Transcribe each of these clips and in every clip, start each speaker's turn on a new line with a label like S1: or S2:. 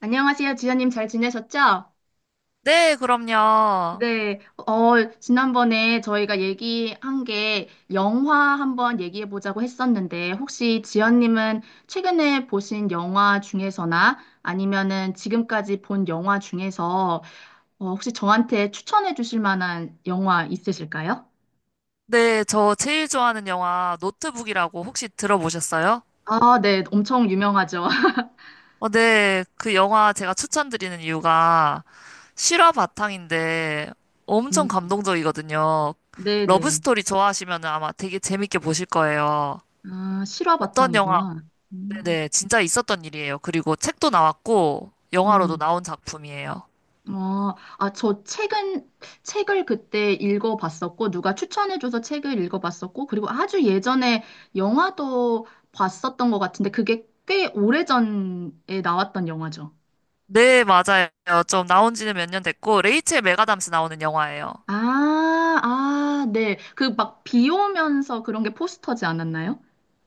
S1: 안녕하세요, 지연님 잘 지내셨죠?
S2: 네, 그럼요.
S1: 네, 어, 지난번에 저희가 얘기한 게 영화 한번 얘기해 보자고 했었는데, 혹시 지연님은 최근에 보신 영화 중에서나 아니면은 지금까지 본 영화 중에서 혹시 저한테 추천해 주실 만한 영화 있으실까요?
S2: 네, 저 제일 좋아하는 영화 노트북이라고 혹시 들어보셨어요?
S1: 아, 네, 엄청 유명하죠.
S2: 네, 그 영화 제가 추천드리는 이유가 실화 바탕인데 엄청
S1: 음,
S2: 감동적이거든요.
S1: 네네.
S2: 러브스토리 좋아하시면 아마 되게 재밌게 보실 거예요.
S1: 아, 실화
S2: 어떤 영화,
S1: 바탕이구나. 음,
S2: 네네, 진짜 있었던 일이에요. 그리고 책도 나왔고, 영화로도
S1: 음.
S2: 나온 작품이에요.
S1: 아, 아, 저 책은, 책을 그때 읽어봤었고, 누가 추천해줘서 책을 읽어봤었고, 그리고 아주 예전에 영화도 봤었던 것 같은데, 그게 꽤 오래전에 나왔던 영화죠.
S2: 네, 맞아요. 좀 나온 지는 몇 년 됐고, 레이첼 메가담스 나오는 영화예요.
S1: 아, 아, 네. 그 막 비 오면서 그런 게 포스터지 않았나요?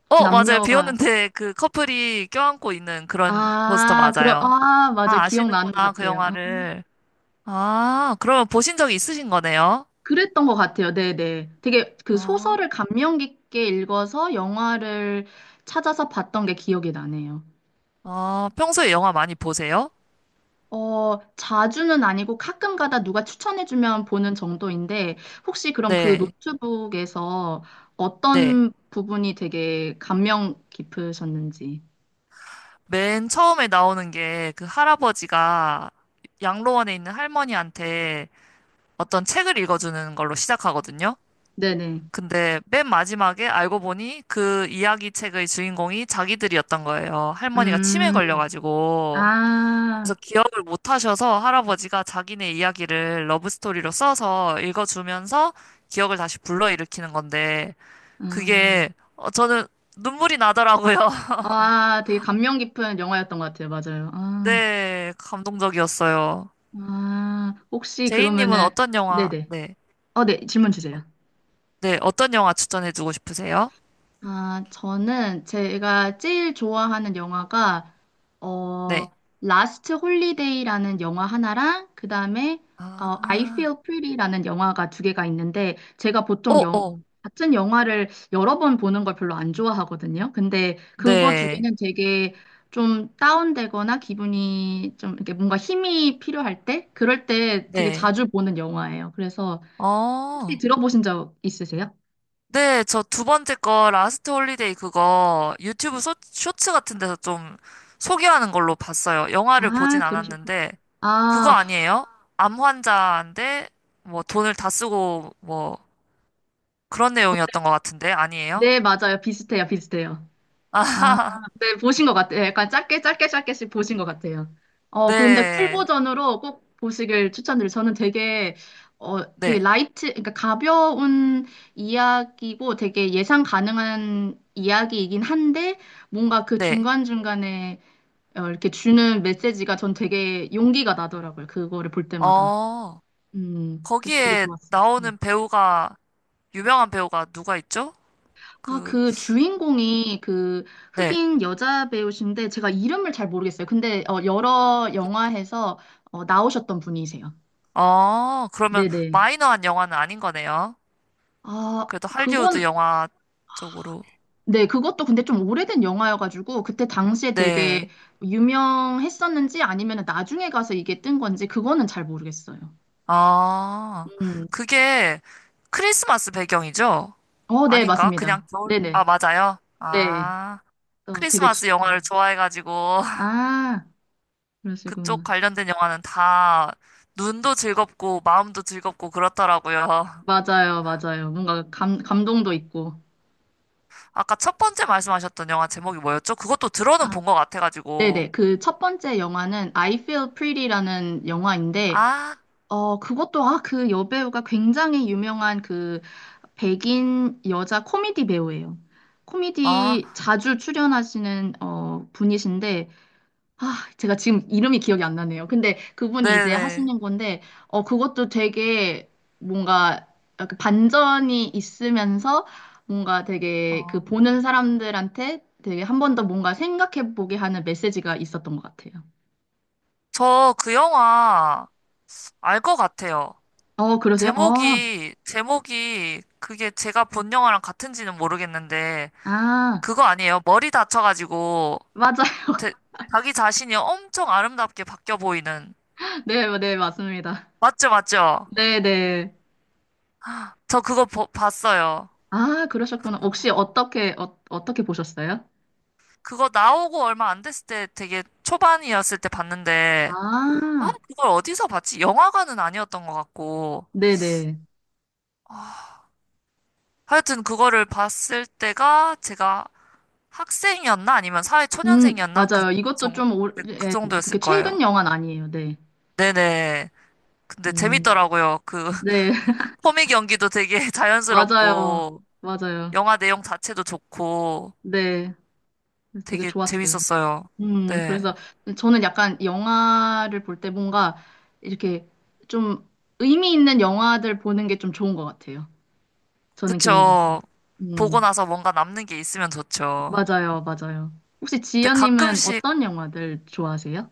S2: 맞아요. 비
S1: 남녀가.
S2: 오는데 그 커플이 껴안고 있는 그런 포스터
S1: 아, 그런,
S2: 맞아요.
S1: 아, 맞아.
S2: 아,
S1: 기억나는 것
S2: 아시는구나, 그
S1: 같아요. 아.
S2: 영화를. 아, 그러면 보신 적이 있으신 거네요?
S1: 그랬던 것 같아요. 네네. 되게 그
S2: 아,
S1: 소설을 감명 깊게 읽어서 영화를 찾아서 봤던 게 기억이 나네요.
S2: 아, 평소에 영화 많이 보세요?
S1: 어, 자주는 아니고 가끔 가다 누가 추천해주면 보는 정도인데, 혹시 그럼 그
S2: 네,
S1: 노트북에서
S2: 네.
S1: 어떤 부분이 되게 감명 깊으셨는지.
S2: 맨 처음에 나오는 게 그 할아버지가 양로원에 있는 할머니한테 어떤 책을 읽어주는 걸로 시작하거든요.
S1: 네네.
S2: 근데 맨 마지막에 알고 보니 그 이야기 책의 주인공이 자기들이었던 거예요. 할머니가 치매
S1: 음,
S2: 걸려가지고.
S1: 아,
S2: 그래서 기억을 못 하셔서 할아버지가 자기네 이야기를 러브스토리로 써서 읽어주면서 기억을 다시 불러일으키는 건데,
S1: 음,
S2: 그게, 저는 눈물이 나더라고요.
S1: 아, 되게 감명 깊은 영화였던 것 같아요. 맞아요. 아,
S2: 네, 감동적이었어요.
S1: 아, 혹시
S2: 제이님은
S1: 그러면은,
S2: 어떤 영화,
S1: 네네.
S2: 네,
S1: 네, 질문 주세요.
S2: 네, 어떤 영화 추천해주고 싶으세요?
S1: 아, 저는 제가 제일 좋아하는 영화가
S2: 네.
S1: 어 라스트 홀리데이라는 영화 하나랑 그다음에 I
S2: 아,
S1: Feel Pretty라는 영화가 두 개가 있는데 제가 보통
S2: 어,
S1: 영
S2: 어,
S1: 같은 영화를 여러 번 보는 걸 별로 안 좋아하거든요. 근데 그거 두
S2: 네,
S1: 개는 되게 좀 다운되거나 기분이 좀 이렇게 뭔가 힘이 필요할 때 그럴 때 되게
S2: 네.
S1: 자주 보는 영화예요. 그래서 혹시
S2: 어,
S1: 들어보신 적 있으세요?
S2: 네, 저 두 번째 거 라스트 홀리데이 그거 유튜브 쇼츠 같은 데서 좀 소개하는 걸로 봤어요. 영화를
S1: 아,
S2: 보진
S1: 그러셨구나.
S2: 않았는데 그거
S1: 아,
S2: 아니에요? 암 환자인데 뭐 돈을 다 쓰고 뭐 그런
S1: 어,
S2: 내용이었던 것 같은데 아니에요?
S1: 네, 맞아요. 비슷해요, 비슷해요. 아, 네, 보신 것 같아요. 약간 짧게씩 보신 것 같아요. 그 근데 풀
S2: 네,
S1: 버전으로 꼭 보시길 추천드려요. 저는 되게, 되게
S2: 네,
S1: 라이트, 그러니까 가벼운 이야기고 되게 예상 가능한 이야기이긴 한데, 뭔가 그
S2: 네.
S1: 중간중간에 이렇게 주는 메시지가 전 되게 용기가 나더라고요. 그거를 볼 때마다.
S2: 어,
S1: 그래서 되게
S2: 거기에
S1: 좋았어요.
S2: 나오는
S1: 음.
S2: 배우가 유명한 배우가 누가 있죠?
S1: 아,
S2: 그,
S1: 그 주인공이 그
S2: 네.
S1: 흑인 여자 배우신데 제가 이름을 잘 모르겠어요. 근데 여러 영화에서 나오셨던 분이세요.
S2: 어, 그러면
S1: 네네.
S2: 마이너한 영화는 아닌 거네요.
S1: 아,
S2: 그래도 할리우드
S1: 그건
S2: 영화 쪽으로.
S1: 네, 그것도 근데 좀 오래된 영화여가지고 그때 당시에 되게
S2: 네.
S1: 유명했었는지 아니면 나중에 가서 이게 뜬 건지 그거는 잘 모르겠어요.
S2: 아,
S1: 음,
S2: 그게 크리스마스 배경이죠?
S1: 어, 네,
S2: 아닌가?
S1: 맞습니다.
S2: 아,
S1: 네네,
S2: 맞아요.
S1: 네,
S2: 아,
S1: 어, 되게 주-
S2: 크리스마스 영화를
S1: 음.
S2: 좋아해가지고,
S1: 아,
S2: 그쪽
S1: 그러시구나.
S2: 관련된 영화는 다 눈도 즐겁고, 마음도 즐겁고, 그렇더라고요.
S1: 맞아요, 맞아요. 뭔가 감 감동도 있고.
S2: 아까 첫 번째 말씀하셨던 영화 제목이 뭐였죠? 그것도 들어는 본 것 같아가지고.
S1: 네네. 그 첫 번째 영화는 I Feel Pretty라는 영화인데,
S2: 아,
S1: 그것도, 아, 그 여배우가 굉장히 유명한 그 백인 여자 코미디 배우예요.
S2: 아,
S1: 코미디 자주 출연하시는, 분이신데, 아, 제가 지금 이름이 기억이 안 나네요. 근데 그분이 이제
S2: 네네.
S1: 하시는 건데, 그것도 되게 뭔가 약간 반전이 있으면서 뭔가 되게 그
S2: 어,
S1: 보는 사람들한테 되게 한 번 더 뭔가 생각해 보게 하는 메시지가 있었던 것 같아요.
S2: 저 그 영화 알 것 같아요.
S1: 어, 그러세요? 어,
S2: 제목이 그게 제가 본 영화랑 같은지는 모르겠는데,
S1: 아,
S2: 그거 아니에요. 머리 다쳐가지고,
S1: 맞아.
S2: 제- 자기 자신이 엄청 아름답게 바뀌어 보이는.
S1: 네, 네, 맞습니다.
S2: 맞죠, 맞죠?
S1: 네, 네.
S2: 저 그거 봤어요.
S1: 아, 그러셨구나. 혹시 어떻게, 어떻게 보셨어요?
S2: 그거 나오고 얼마 안 됐을 때 되게 초반이었을 때 봤는데, 아,
S1: 아,
S2: 그걸 어디서 봤지? 영화관은 아니었던 것 같고.
S1: 네네.
S2: 하여튼 그거를 봤을 때가 제가 학생이었나? 아니면 사회초년생이었나?
S1: 맞아요. 이것도
S2: 정,
S1: 좀, 오,
S2: 그
S1: 예,
S2: 정도였을
S1: 그렇게
S2: 거예요.
S1: 최근 영화는 아니에요. 네.
S2: 네네. 근데
S1: 음,
S2: 재밌더라고요. 그
S1: 네,
S2: 코믹 연기도 되게
S1: 맞아요.
S2: 자연스럽고
S1: 맞아요.
S2: 영화 내용 자체도 좋고
S1: 네. 그래서 되게
S2: 되게
S1: 좋았어요.
S2: 재밌었어요. 네.
S1: 그래서 저는 약간 영화를 볼 때 뭔가 이렇게 좀 의미 있는 영화들 보는 게 좀 좋은 것 같아요. 저는 개인적으로.
S2: 그쵸. 보고
S1: 음,
S2: 나서 뭔가 남는 게 있으면 좋죠.
S1: 맞아요. 맞아요. 혹시
S2: 근데
S1: 지연님은
S2: 가끔씩
S1: 어떤 영화들 좋아하세요?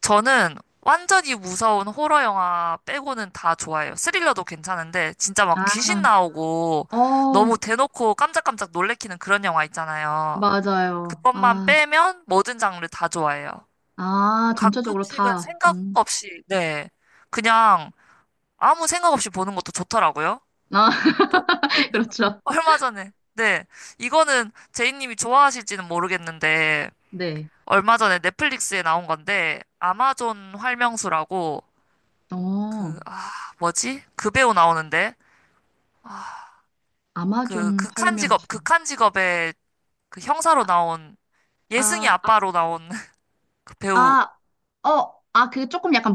S2: 저는 완전히 무서운 호러 영화 빼고는 다 좋아해요. 스릴러도 괜찮은데 진짜 막
S1: 아,
S2: 귀신 나오고 너무
S1: 어,
S2: 대놓고 깜짝깜짝 놀래키는 그런 영화 있잖아요.
S1: 맞아요.
S2: 그것만
S1: 아,
S2: 빼면 모든 장르 다 좋아해요.
S1: 아, 전체적으로
S2: 가끔씩은
S1: 다.
S2: 생각
S1: 음.
S2: 없이, 네. 그냥 아무 생각 없이 보는 것도 좋더라고요.
S1: 아,
S2: 또,
S1: 그렇죠.
S2: 얼마 전에, 네. 이거는 제이님이 좋아하실지는 모르겠는데,
S1: 네.
S2: 얼마 전에 넷플릭스에 나온 건데, 아마존 활명수라고,
S1: 어,
S2: 그, 아, 뭐지? 그 배우 나오는데,
S1: 아마존 활명수.
S2: 극한 직업의 그 형사로
S1: 아,
S2: 나온, 예승이
S1: 아,
S2: 아빠로 나온 그
S1: 아,
S2: 배우,
S1: 아, 어, 아, 그 조금 약간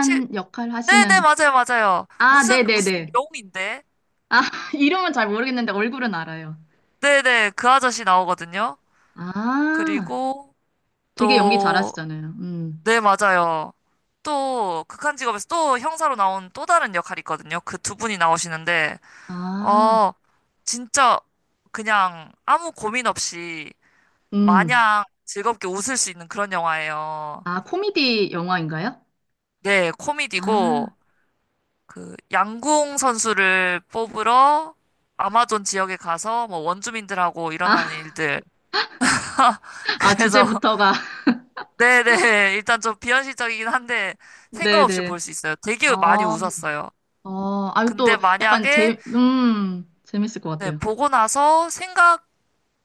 S2: 실,
S1: 역할
S2: 네네,
S1: 하시는.
S2: 맞아요, 맞아요.
S1: 아,
S2: 무슨
S1: 네네네.
S2: 명인데?
S1: 아, 이름은 잘 모르겠는데 얼굴은 알아요.
S2: 네네, 그 아저씨 나오거든요.
S1: 아,
S2: 그리고
S1: 되게 연기
S2: 또,
S1: 잘하시잖아요. 음.
S2: 네, 맞아요. 또, 극한 직업에서 또 형사로 나온 또 다른 역할이 있거든요. 그 두 분이 나오시는데,
S1: 아,
S2: 어, 진짜 그냥 아무 고민 없이
S1: 음.
S2: 마냥 즐겁게 웃을 수 있는 그런 영화예요.
S1: 아, 코미디 영화인가요?
S2: 네,
S1: 아,
S2: 코미디고, 그, 양궁 선수를 뽑으러 아마존 지역에 가서 뭐 원주민들하고 일어나는
S1: 아,
S2: 일들.
S1: 아,
S2: 그래서
S1: 주제부터가.
S2: 네네. 일단 좀 비현실적이긴 한데 생각 없이
S1: 네네.
S2: 볼 수 있어요. 되게 많이
S1: 어,
S2: 웃었어요.
S1: 어, 아유,
S2: 근데
S1: 또 약간
S2: 만약에
S1: 재밌을 것
S2: 네,
S1: 같아요.
S2: 보고 나서 생각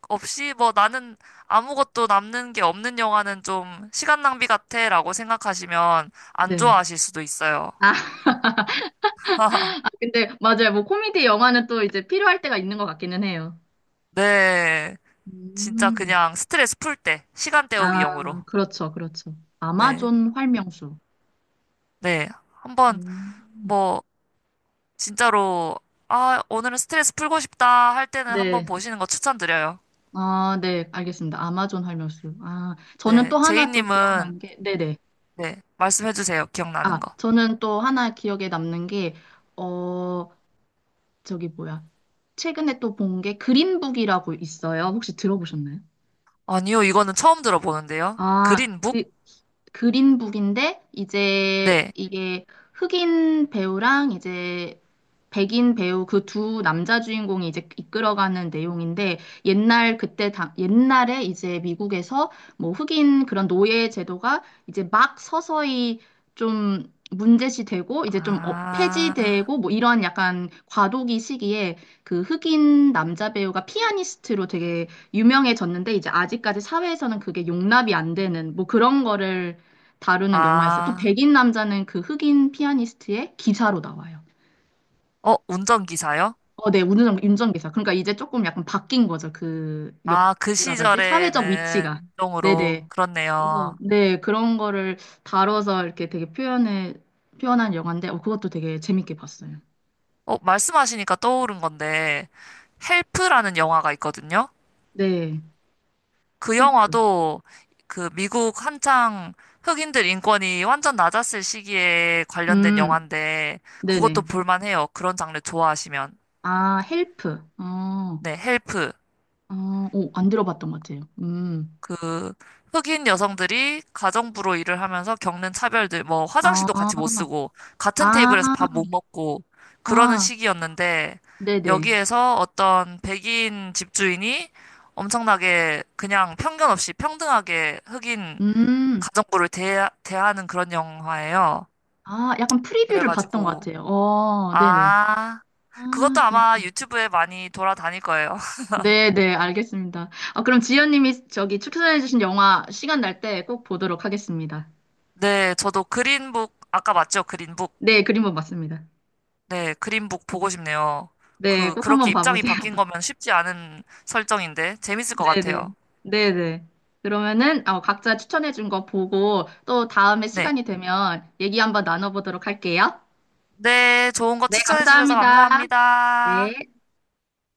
S2: 없이 뭐 나는 아무것도 남는 게 없는 영화는 좀 시간 낭비 같아라고 생각하시면 안
S1: 네.
S2: 좋아하실 수도 있어요.
S1: 아, 근데 맞아요. 뭐 코미디 영화는 또 이제 필요할 때가 있는 것 같기는 해요.
S2: 네. 진짜
S1: 음.
S2: 그냥 스트레스 풀 때, 시간 때우기 용으로.
S1: 아, 그렇죠, 그렇죠.
S2: 네.
S1: 아마존 활명수.
S2: 네. 한번
S1: 음.
S2: 뭐 진짜로 아, 오늘은 스트레스 풀고 싶다 할 때는 한번
S1: 네.
S2: 보시는 거 추천드려요.
S1: 아, 네, 알겠습니다. 아마존 활명수. 아, 저는
S2: 네,
S1: 또 하나 또
S2: 제이님은
S1: 기억나는 게, 네네.
S2: 네. 말씀해 주세요.
S1: 아,
S2: 기억나는 거.
S1: 저는 또 하나 기억에 남는 게, 어, 저기 뭐야. 최근에 또 본 게 그린북이라고 있어요. 혹시 들어보셨나요?
S2: 아니요, 이거는 처음 들어보는데요.
S1: 아,
S2: 그린북?
S1: 그, 그린북인데, 이제
S2: 네.
S1: 이게 흑인 배우랑 이제 백인 배우 그 두 남자 주인공이 이제 이끌어가는 내용인데, 옛날 그때, 당 옛날에 이제 미국에서 뭐 흑인 그런 노예 제도가 이제 막 서서히 좀 문제시 되고, 이제 좀
S2: 아,
S1: 폐지되고, 뭐 이런 약간 과도기 시기에 그 흑인 남자 배우가 피아니스트로 되게 유명해졌는데 이제 아직까지 사회에서는 그게 용납이 안 되는 뭐 그런 거를 다루는 영화였어요. 또
S2: 아,
S1: 백인 남자는 그 흑인 피아니스트의 기사로 나와요.
S2: 어, 운전기사요?
S1: 어, 네, 운전기사. 그러니까 이제 조금 약간 바뀐 거죠. 그 역,
S2: 아, 그
S1: 뭐라 그러지? 사회적
S2: 시절에는
S1: 위치가.
S2: 인종으로,
S1: 네네. 그래서,
S2: 그렇네요.
S1: 네, 그런 거를 다뤄서 이렇게 되게 표현한 영화인데, 그것도 되게 재밌게 봤어요.
S2: 어, 말씀하시니까 떠오른 건데, 헬프라는 영화가 있거든요.
S1: 네,
S2: 그
S1: 헬프.
S2: 영화도 그 미국 한창 흑인들 인권이 완전 낮았을 시기에 관련된
S1: 음,
S2: 영화인데, 그것도
S1: 네네.
S2: 볼만해요. 그런 장르 좋아하시면.
S1: 아, 헬프. 어,
S2: 네, 헬프.
S1: 어, 오, 안 들어봤던 것 같아요. 음.
S2: 그 흑인 여성들이 가정부로 일을 하면서 겪는 차별들, 뭐
S1: 아,
S2: 화장실도 같이 못 쓰고 같은
S1: 아,
S2: 테이블에서 밥 못 먹고 그러는
S1: 아,
S2: 시기였는데
S1: 네네.
S2: 여기에서 어떤 백인 집주인이 엄청나게 그냥 편견 없이 평등하게 흑인
S1: 음,
S2: 가정부를 대하는 그런 영화예요.
S1: 아, 약간 프리뷰를 봤던 것
S2: 그래가지고
S1: 같아요. 어, 네네.
S2: 아
S1: 아,
S2: 그것도 아마
S1: 그렇군.
S2: 유튜브에 많이 돌아다닐 거예요.
S1: 네네, 알겠습니다. 아, 그럼 지연님이 저기 추천해주신 영화 시간 날 때 꼭 보도록 하겠습니다.
S2: 네, 저도 그린북 아까 맞죠? 그린북.
S1: 네, 그림은 맞습니다.
S2: 네, 그린북 보고 싶네요.
S1: 네, 꼭
S2: 그렇게
S1: 한번
S2: 입장이
S1: 봐보세요.
S2: 바뀐 거면 쉽지 않은 설정인데, 재밌을 것 같아요.
S1: 네네. 네네. 그러면은, 각자 추천해준 거 보고 또 다음에
S2: 네.
S1: 시간이 되면 얘기 한번 나눠보도록 할게요.
S2: 네, 좋은 거
S1: 네,
S2: 추천해 주셔서
S1: 감사합니다.
S2: 감사합니다.
S1: 네.